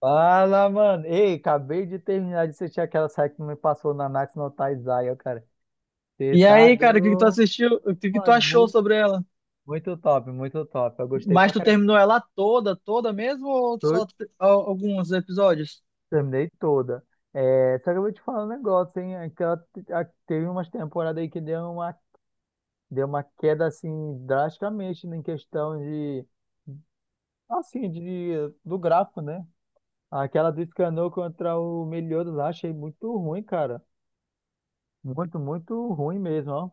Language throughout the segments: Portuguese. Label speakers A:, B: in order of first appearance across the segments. A: Fala, mano. Ei, acabei de terminar de assistir aquela série que me passou na Max no Taizai, ó, cara. Você
B: E
A: tá
B: aí, cara, o que tu
A: doido,
B: assistiu? O que tu
A: mano.
B: achou
A: Muito,
B: sobre ela?
A: muito top, muito top. Eu gostei
B: Mas
A: pra
B: tu
A: caramba.
B: terminou ela toda, toda mesmo ou
A: Tô-
B: só alguns episódios?
A: Terminei toda. É, só que eu vou te falar um negócio, hein? Teve umas temporadas aí que deu uma queda, assim, drasticamente em questão de, assim, do gráfico, né? Aquela do Escanor contra o Meliodas lá, achei muito ruim, cara. Muito, muito ruim mesmo, ó.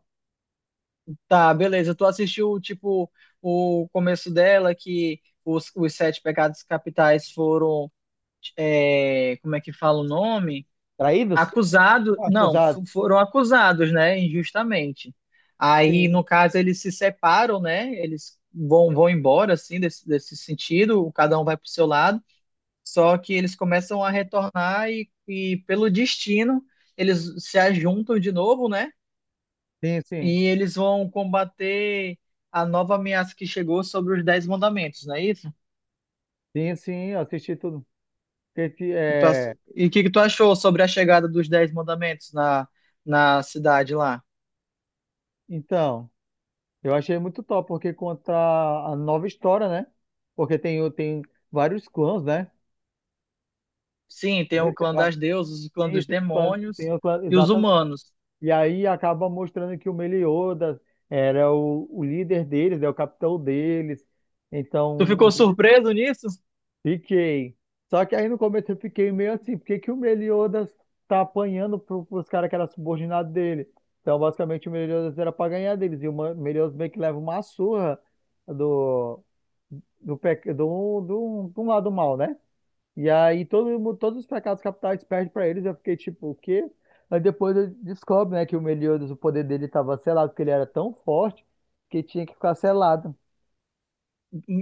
B: Tá, beleza. Tu assistiu, tipo, o começo dela, que os sete pecados capitais foram, como é que fala o nome?
A: Traídos?
B: Acusados, não,
A: Acusado,
B: foram acusados, né, injustamente. Aí,
A: sim,
B: no caso, eles se separam, né? Eles vão embora, assim, desse sentido, cada um vai pro seu lado. Só que eles começam a retornar e pelo destino, eles se ajuntam de novo, né?
A: sim, sim,
B: E eles vão combater a nova ameaça que chegou sobre os Dez Mandamentos, não é isso?
A: sim, sim, eu assisti tudo. Que, que,
B: E tu ach-
A: é...
B: e o que tu achou sobre a chegada dos Dez Mandamentos na cidade lá?
A: Então, eu achei muito top, porque conta a nova história, né? Porque tem vários clãs, né?
B: Sim, tem
A: Tem
B: o clã
A: va-
B: das deusas, o clã dos
A: Isso,
B: demônios
A: tem os clãs,
B: e os
A: exatamente.
B: humanos.
A: E aí acaba mostrando que o Meliodas era o líder deles, é o capitão deles.
B: Tu
A: Então,
B: ficou surpreso nisso?
A: fiquei. Só que aí no começo eu fiquei meio assim, por que que o Meliodas tá apanhando pros caras que eram subordinados dele? Então, basicamente, o Meliodas era pra ganhar deles. E o Meliodas meio que leva uma surra do, do, pe- do, do, do lado mal, né? E aí todos os pecados capitais perdem pra eles. Eu fiquei tipo, o quê? Aí depois eu descobre, né, que o Meliodas, o poder dele tava selado, porque ele era tão forte que tinha que ficar selado.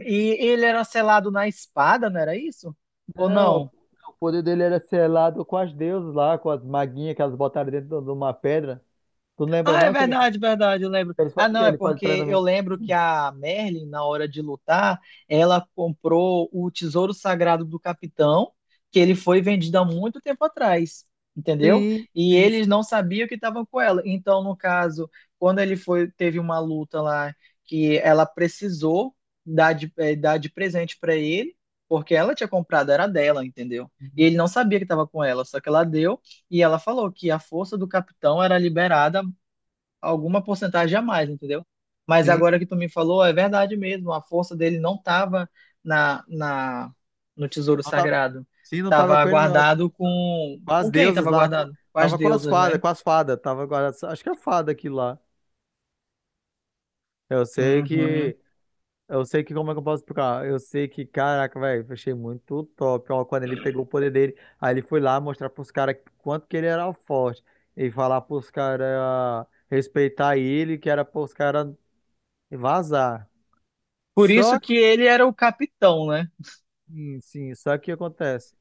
B: E ele era selado na espada, não era isso? Ou
A: Não,
B: não?
A: o poder dele era selado com as deusas lá, com as maguinhas que elas botaram dentro de uma pedra. Tu não lembra
B: Ah, é
A: não que ele,
B: verdade, verdade, eu lembro. Ah,
A: que
B: não, é
A: ele faz
B: porque eu
A: treinamento?
B: lembro que a Merlin, na hora de lutar, ela comprou o tesouro sagrado do capitão, que ele foi vendido há muito tempo atrás, entendeu?
A: Sim,
B: E
A: sim,
B: eles
A: sim.
B: não sabiam que estavam com ela. Então, no caso, quando ele foi, teve uma luta lá que ela precisou dar de, dar de presente para ele, porque ela tinha comprado, era dela, entendeu? E ele não sabia que estava com ela, só que ela deu. E ela falou que a força do capitão era liberada alguma porcentagem a mais, entendeu? Mas
A: Sim,
B: agora que tu me falou, é verdade mesmo, a força dele não estava na, no tesouro
A: não tava,
B: sagrado.
A: sim, não tava
B: Estava
A: com ele não.
B: guardado com.
A: Com as
B: Com quem
A: deusas
B: estava
A: lá,
B: guardado? Com as
A: tava
B: deusas, né?
A: com as fadas, tava com as, acho que é fada aquilo lá. Eu sei
B: Uhum.
A: que Eu sei que, como é que eu posso explicar? Eu sei que, caraca, velho, achei muito top. Ó, quando ele pegou o poder dele, aí ele foi lá mostrar pros caras quanto que ele era forte. E falar pros caras respeitar ele, que era pros caras vazar.
B: Por
A: Só
B: isso
A: que,
B: que ele era o capitão, né?
A: sim, sim, só que o que acontece?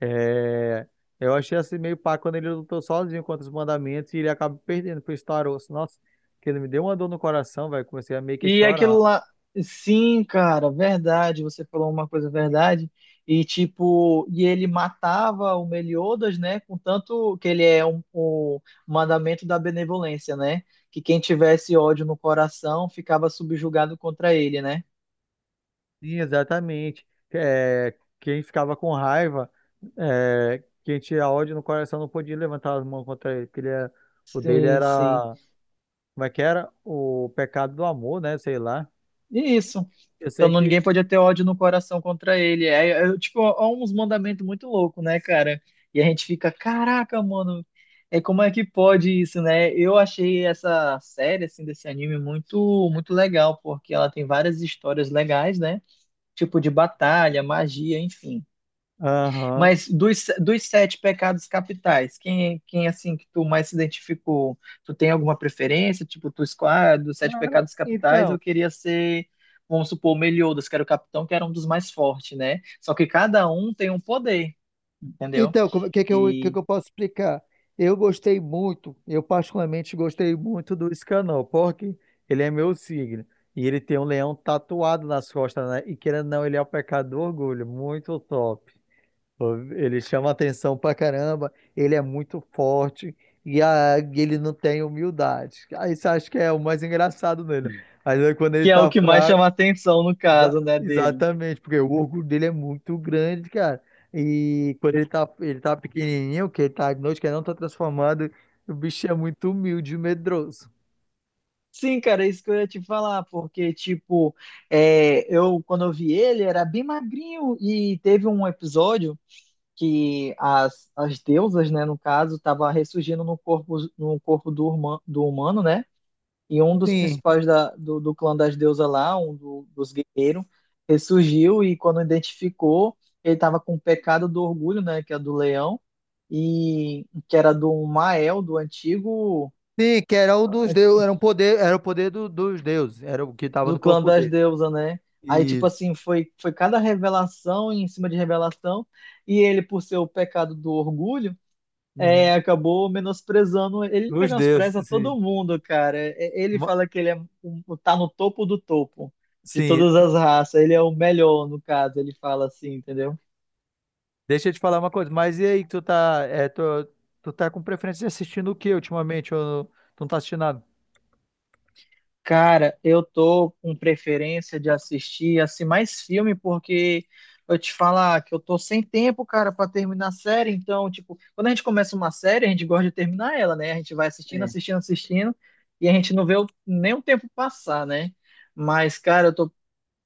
A: É, eu achei assim meio pá quando ele lutou sozinho contra os mandamentos e ele acaba perdendo pro Staros. Nossa, que ele me deu uma dor no coração, velho. Comecei a meio que
B: E aquilo
A: chorar.
B: lá, sim, cara, verdade, você falou uma coisa verdade. E tipo, e ele matava o Meliodas, né? Contanto que ele é um, o mandamento da benevolência, né? Que quem tivesse ódio no coração ficava subjugado contra ele, né?
A: Sim, exatamente. É, quem ficava com raiva, é, quem tinha ódio no coração não podia levantar as mãos contra ele, o dele
B: Sim, sim.
A: era, como é que era? O pecado do amor, né? Sei lá.
B: E isso.
A: Eu
B: Então
A: sei
B: ninguém
A: que.
B: podia ter ódio no coração contra ele. Tipo, ó, uns mandamentos muito loucos, né, cara? E a gente fica, caraca, mano, é como é que pode isso, né? Eu achei essa série, assim, desse anime muito, muito legal, porque ela tem várias histórias legais, né? Tipo de batalha, magia, enfim.
A: Aham.
B: Mas dos sete pecados capitais, quem assim que tu mais se identificou? Tu tem alguma preferência? Tipo, tu escolhe ah, dos sete
A: Cara,
B: pecados capitais,
A: então,
B: eu queria ser, vamos supor, Meliodas, que era o capitão, que era um dos mais fortes, né? Só que cada um tem um poder, entendeu?
A: então, o que que eu, o que
B: E
A: que eu posso explicar? Eu gostei muito, eu particularmente gostei muito do Escanor, porque ele é meu signo. E ele tem um leão tatuado nas costas, né? E querendo ou não, ele é o pecado do orgulho. Muito top. Ele chama atenção pra caramba, ele é muito forte e ele não tem humildade. Aí você acha que é o mais engraçado nele, né? Mas aí quando ele
B: que é o
A: tá
B: que mais
A: fraco,
B: chama atenção no caso, né, dele.
A: exatamente, porque o orgulho dele é muito grande, cara. E quando ele tá pequenininho, que ele tá noite que ele não tá transformado, o bicho é muito humilde e medroso.
B: Sim, cara, é isso que eu ia te falar, porque, tipo, eu, quando eu vi ele, era bem magrinho e teve um episódio que as deusas, né, no caso, estavam ressurgindo no corpo, no corpo do, do humano, né? E um dos
A: Sim,
B: principais do clã das deusas lá, dos guerreiros, ressurgiu e quando identificou, ele estava com o pecado do orgulho, né, que é do leão, e que era do Mael, do antigo
A: sim, que era o dos deuses, era um poder, era dos deuses, era o que tava
B: do
A: no
B: clã
A: corpo
B: das
A: dele.
B: deusas, né? Aí, tipo
A: Isso.
B: assim, foi cada revelação em cima de revelação, e ele, por ser o pecado do orgulho,
A: Uhum.
B: é, acabou menosprezando. Ele
A: Os
B: menospreza
A: deuses, sim.
B: todo mundo, cara. Ele
A: Mo-
B: fala que ele é, tá no topo do topo de
A: Sim,
B: todas as raças. Ele é o melhor, no caso. Ele fala assim, entendeu?
A: deixa eu te falar uma coisa, mas e aí, tu tá com preferência de assistindo o que ultimamente? Ou tu não tá assistindo nada?
B: Cara, eu tô com preferência de assistir assim mais filme porque eu te falar que eu tô sem tempo, cara, pra terminar a série. Então, tipo, quando a gente começa uma série, a gente gosta de terminar ela, né? A gente vai assistindo,
A: É.
B: assistindo, assistindo e a gente não vê nem o tempo passar, né? Mas, cara, eu tô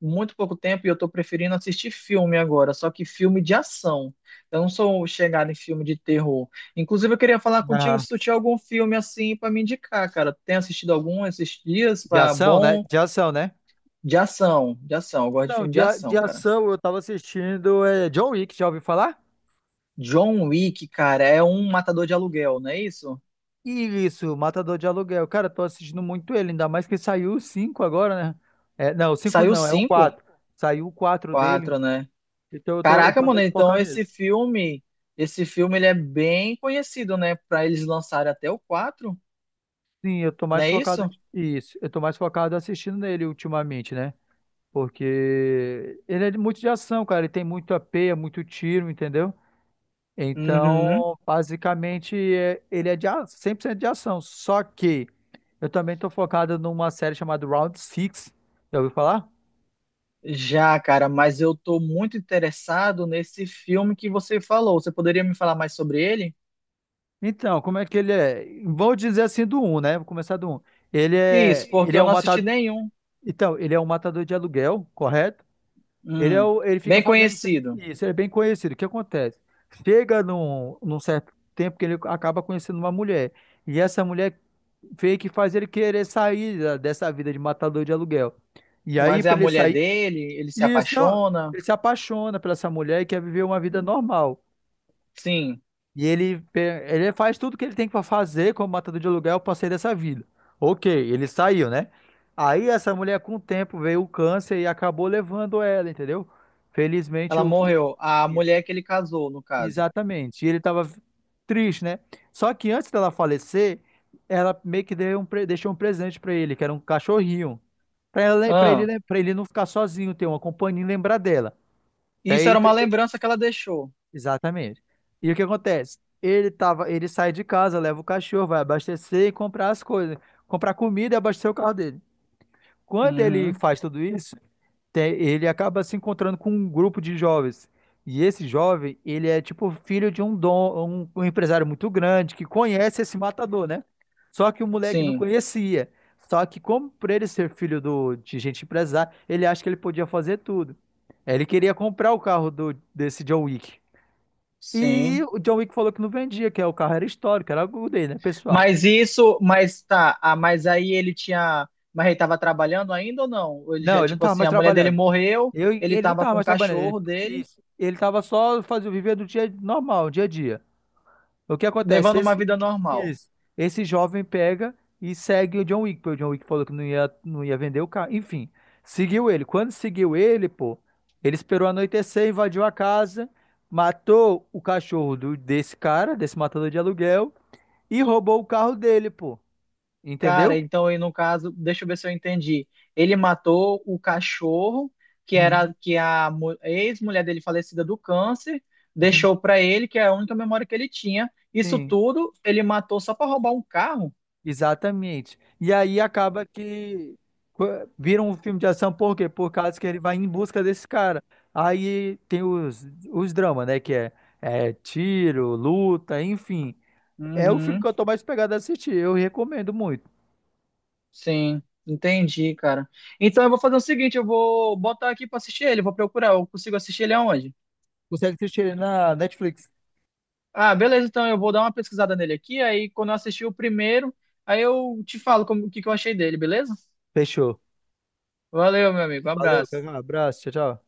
B: muito pouco tempo e eu tô preferindo assistir filme agora, só que filme de ação. Eu não sou chegado em filme de terror. Inclusive, eu queria falar contigo
A: Ah,
B: se tu tinha algum filme assim pra me indicar, cara. Tem assistido algum esses dias
A: de
B: para
A: ação, né?
B: bom
A: De ação, né?
B: de ação, de ação. Eu gosto de
A: Não,
B: filme de
A: de
B: ação, cara.
A: ação eu tava assistindo é, John Wick, já ouviu falar?
B: John Wick, cara, é um matador de aluguel, não é isso?
A: Isso, Matador de Aluguel. Cara, tô assistindo muito ele, ainda mais que saiu o 5 agora, né? É, não, o 5
B: Saiu
A: não, é o
B: cinco,
A: 4. Saiu o 4 dele,
B: quatro, né?
A: então eu
B: Caraca,
A: tô
B: mano,
A: meio que
B: então
A: focado nisso.
B: esse filme ele é bem conhecido, né? Pra eles lançarem até o quatro,
A: Sim, eu tô
B: não
A: mais
B: é
A: focado.
B: isso?
A: Isso, eu tô mais focado assistindo nele ultimamente, né? Porque ele muito de ação, cara. Ele tem muito AP, é muito tiro, entendeu?
B: Uhum.
A: Então, basicamente, ele 100% de ação. Só que eu também tô focado numa série chamada Round Six. Já ouviu falar?
B: Já, cara, mas eu tô muito interessado nesse filme que você falou. Você poderia me falar mais sobre ele?
A: Então, como é que ele é? Vou dizer assim do um, né? Vou começar do um.
B: Isso,
A: Ele
B: porque eu
A: é um
B: não assisti
A: matador.
B: nenhum.
A: Então, ele é um matador de aluguel, correto?
B: Hum,
A: Ele fica
B: bem
A: fazendo
B: conhecido.
A: isso, ele é bem conhecido. O que acontece? Chega num certo tempo que ele acaba conhecendo uma mulher. E essa mulher vê que faz ele querer sair dessa vida de matador de aluguel. E aí,
B: Mas é a
A: para ele
B: mulher
A: sair.
B: dele, ele se
A: Isso, não.
B: apaixona.
A: Ele se apaixona por essa mulher e quer viver uma vida normal.
B: Sim,
A: E ele, ele faz tudo que ele tem para fazer como matador de aluguel para sair dessa vida. Ok, ele saiu, né? Aí essa mulher, com o tempo, veio o câncer e acabou levando ela, entendeu? Felizmente,
B: ela
A: o,
B: morreu. A
A: isso.
B: mulher que ele casou, no caso.
A: Exatamente. E ele estava triste, né? Só que antes dela falecer, ela meio que deixou um presente para ele, que era um cachorrinho.
B: Ah,
A: Para ele não ficar sozinho, ter uma companhia e lembrar dela. Até
B: isso
A: aí,
B: era
A: tu
B: uma lembrança que ela deixou.
A: exatamente. E o que acontece? Ele sai de casa, leva o cachorro, vai abastecer e comprar as coisas, comprar comida e abastecer o carro dele. Quando ele
B: Uhum,
A: faz tudo isso, ele acaba se encontrando com um grupo de jovens. E esse jovem, ele é tipo filho de um dom, um empresário muito grande que conhece esse matador, né? Só que o moleque não
B: sim,
A: conhecia. Só que como por ele ser filho de gente empresária, ele acha que ele podia fazer tudo. Ele queria comprar o carro desse John Wick. E
B: sim.
A: o John Wick falou que não vendia, que é, o carro era histórico, era algo dele, né, pessoal?
B: Mas isso, mas tá, ah, mas aí ele tinha, mas ele tava trabalhando ainda ou não? Ou ele
A: Não,
B: já,
A: ele não
B: tipo
A: tava
B: assim,
A: mais
B: a mulher dele
A: trabalhando.
B: morreu, ele
A: Ele não
B: tava
A: tava
B: com o
A: mais trabalhando. Ele,
B: cachorro dele,
A: isso. Ele tava só fazendo viver do dia normal, dia a dia. O que acontece?
B: levando uma
A: Esse,
B: vida normal.
A: isso. Esse jovem pega e segue o John Wick, porque o John Wick falou que não ia vender o carro. Enfim, seguiu ele. Quando seguiu ele, pô, ele esperou anoitecer, invadiu a casa, matou o cachorro desse cara, desse matador de aluguel, e roubou o carro dele, pô.
B: Cara,
A: Entendeu?
B: então aí no caso, deixa eu ver se eu entendi. Ele matou o cachorro, que
A: Uhum,
B: era que a ex-mulher dele falecida do câncer
A: uhum.
B: deixou pra ele, que é a única memória que ele tinha. Isso
A: Sim.
B: tudo ele matou só pra roubar um carro?
A: Exatamente. E aí acaba que co- vira um filme de ação, por quê? Por causa que ele vai em busca desse cara. Aí tem os dramas, né? Que é, é tiro, luta, enfim. É o filme
B: Uhum.
A: que eu tô mais pegado a assistir. Eu recomendo muito.
B: Sim, entendi, cara. Então eu vou fazer o seguinte, eu vou botar aqui pra assistir ele, vou procurar, eu consigo assistir ele aonde?
A: Consegue assistir ele na Netflix.
B: Ah, beleza, então eu vou dar uma pesquisada nele aqui, aí quando eu assistir o primeiro, aí eu te falo como, o que que eu achei dele, beleza?
A: Fechou.
B: Valeu, meu amigo, um
A: Valeu,
B: abraço.
A: um abraço, tchau, tchau.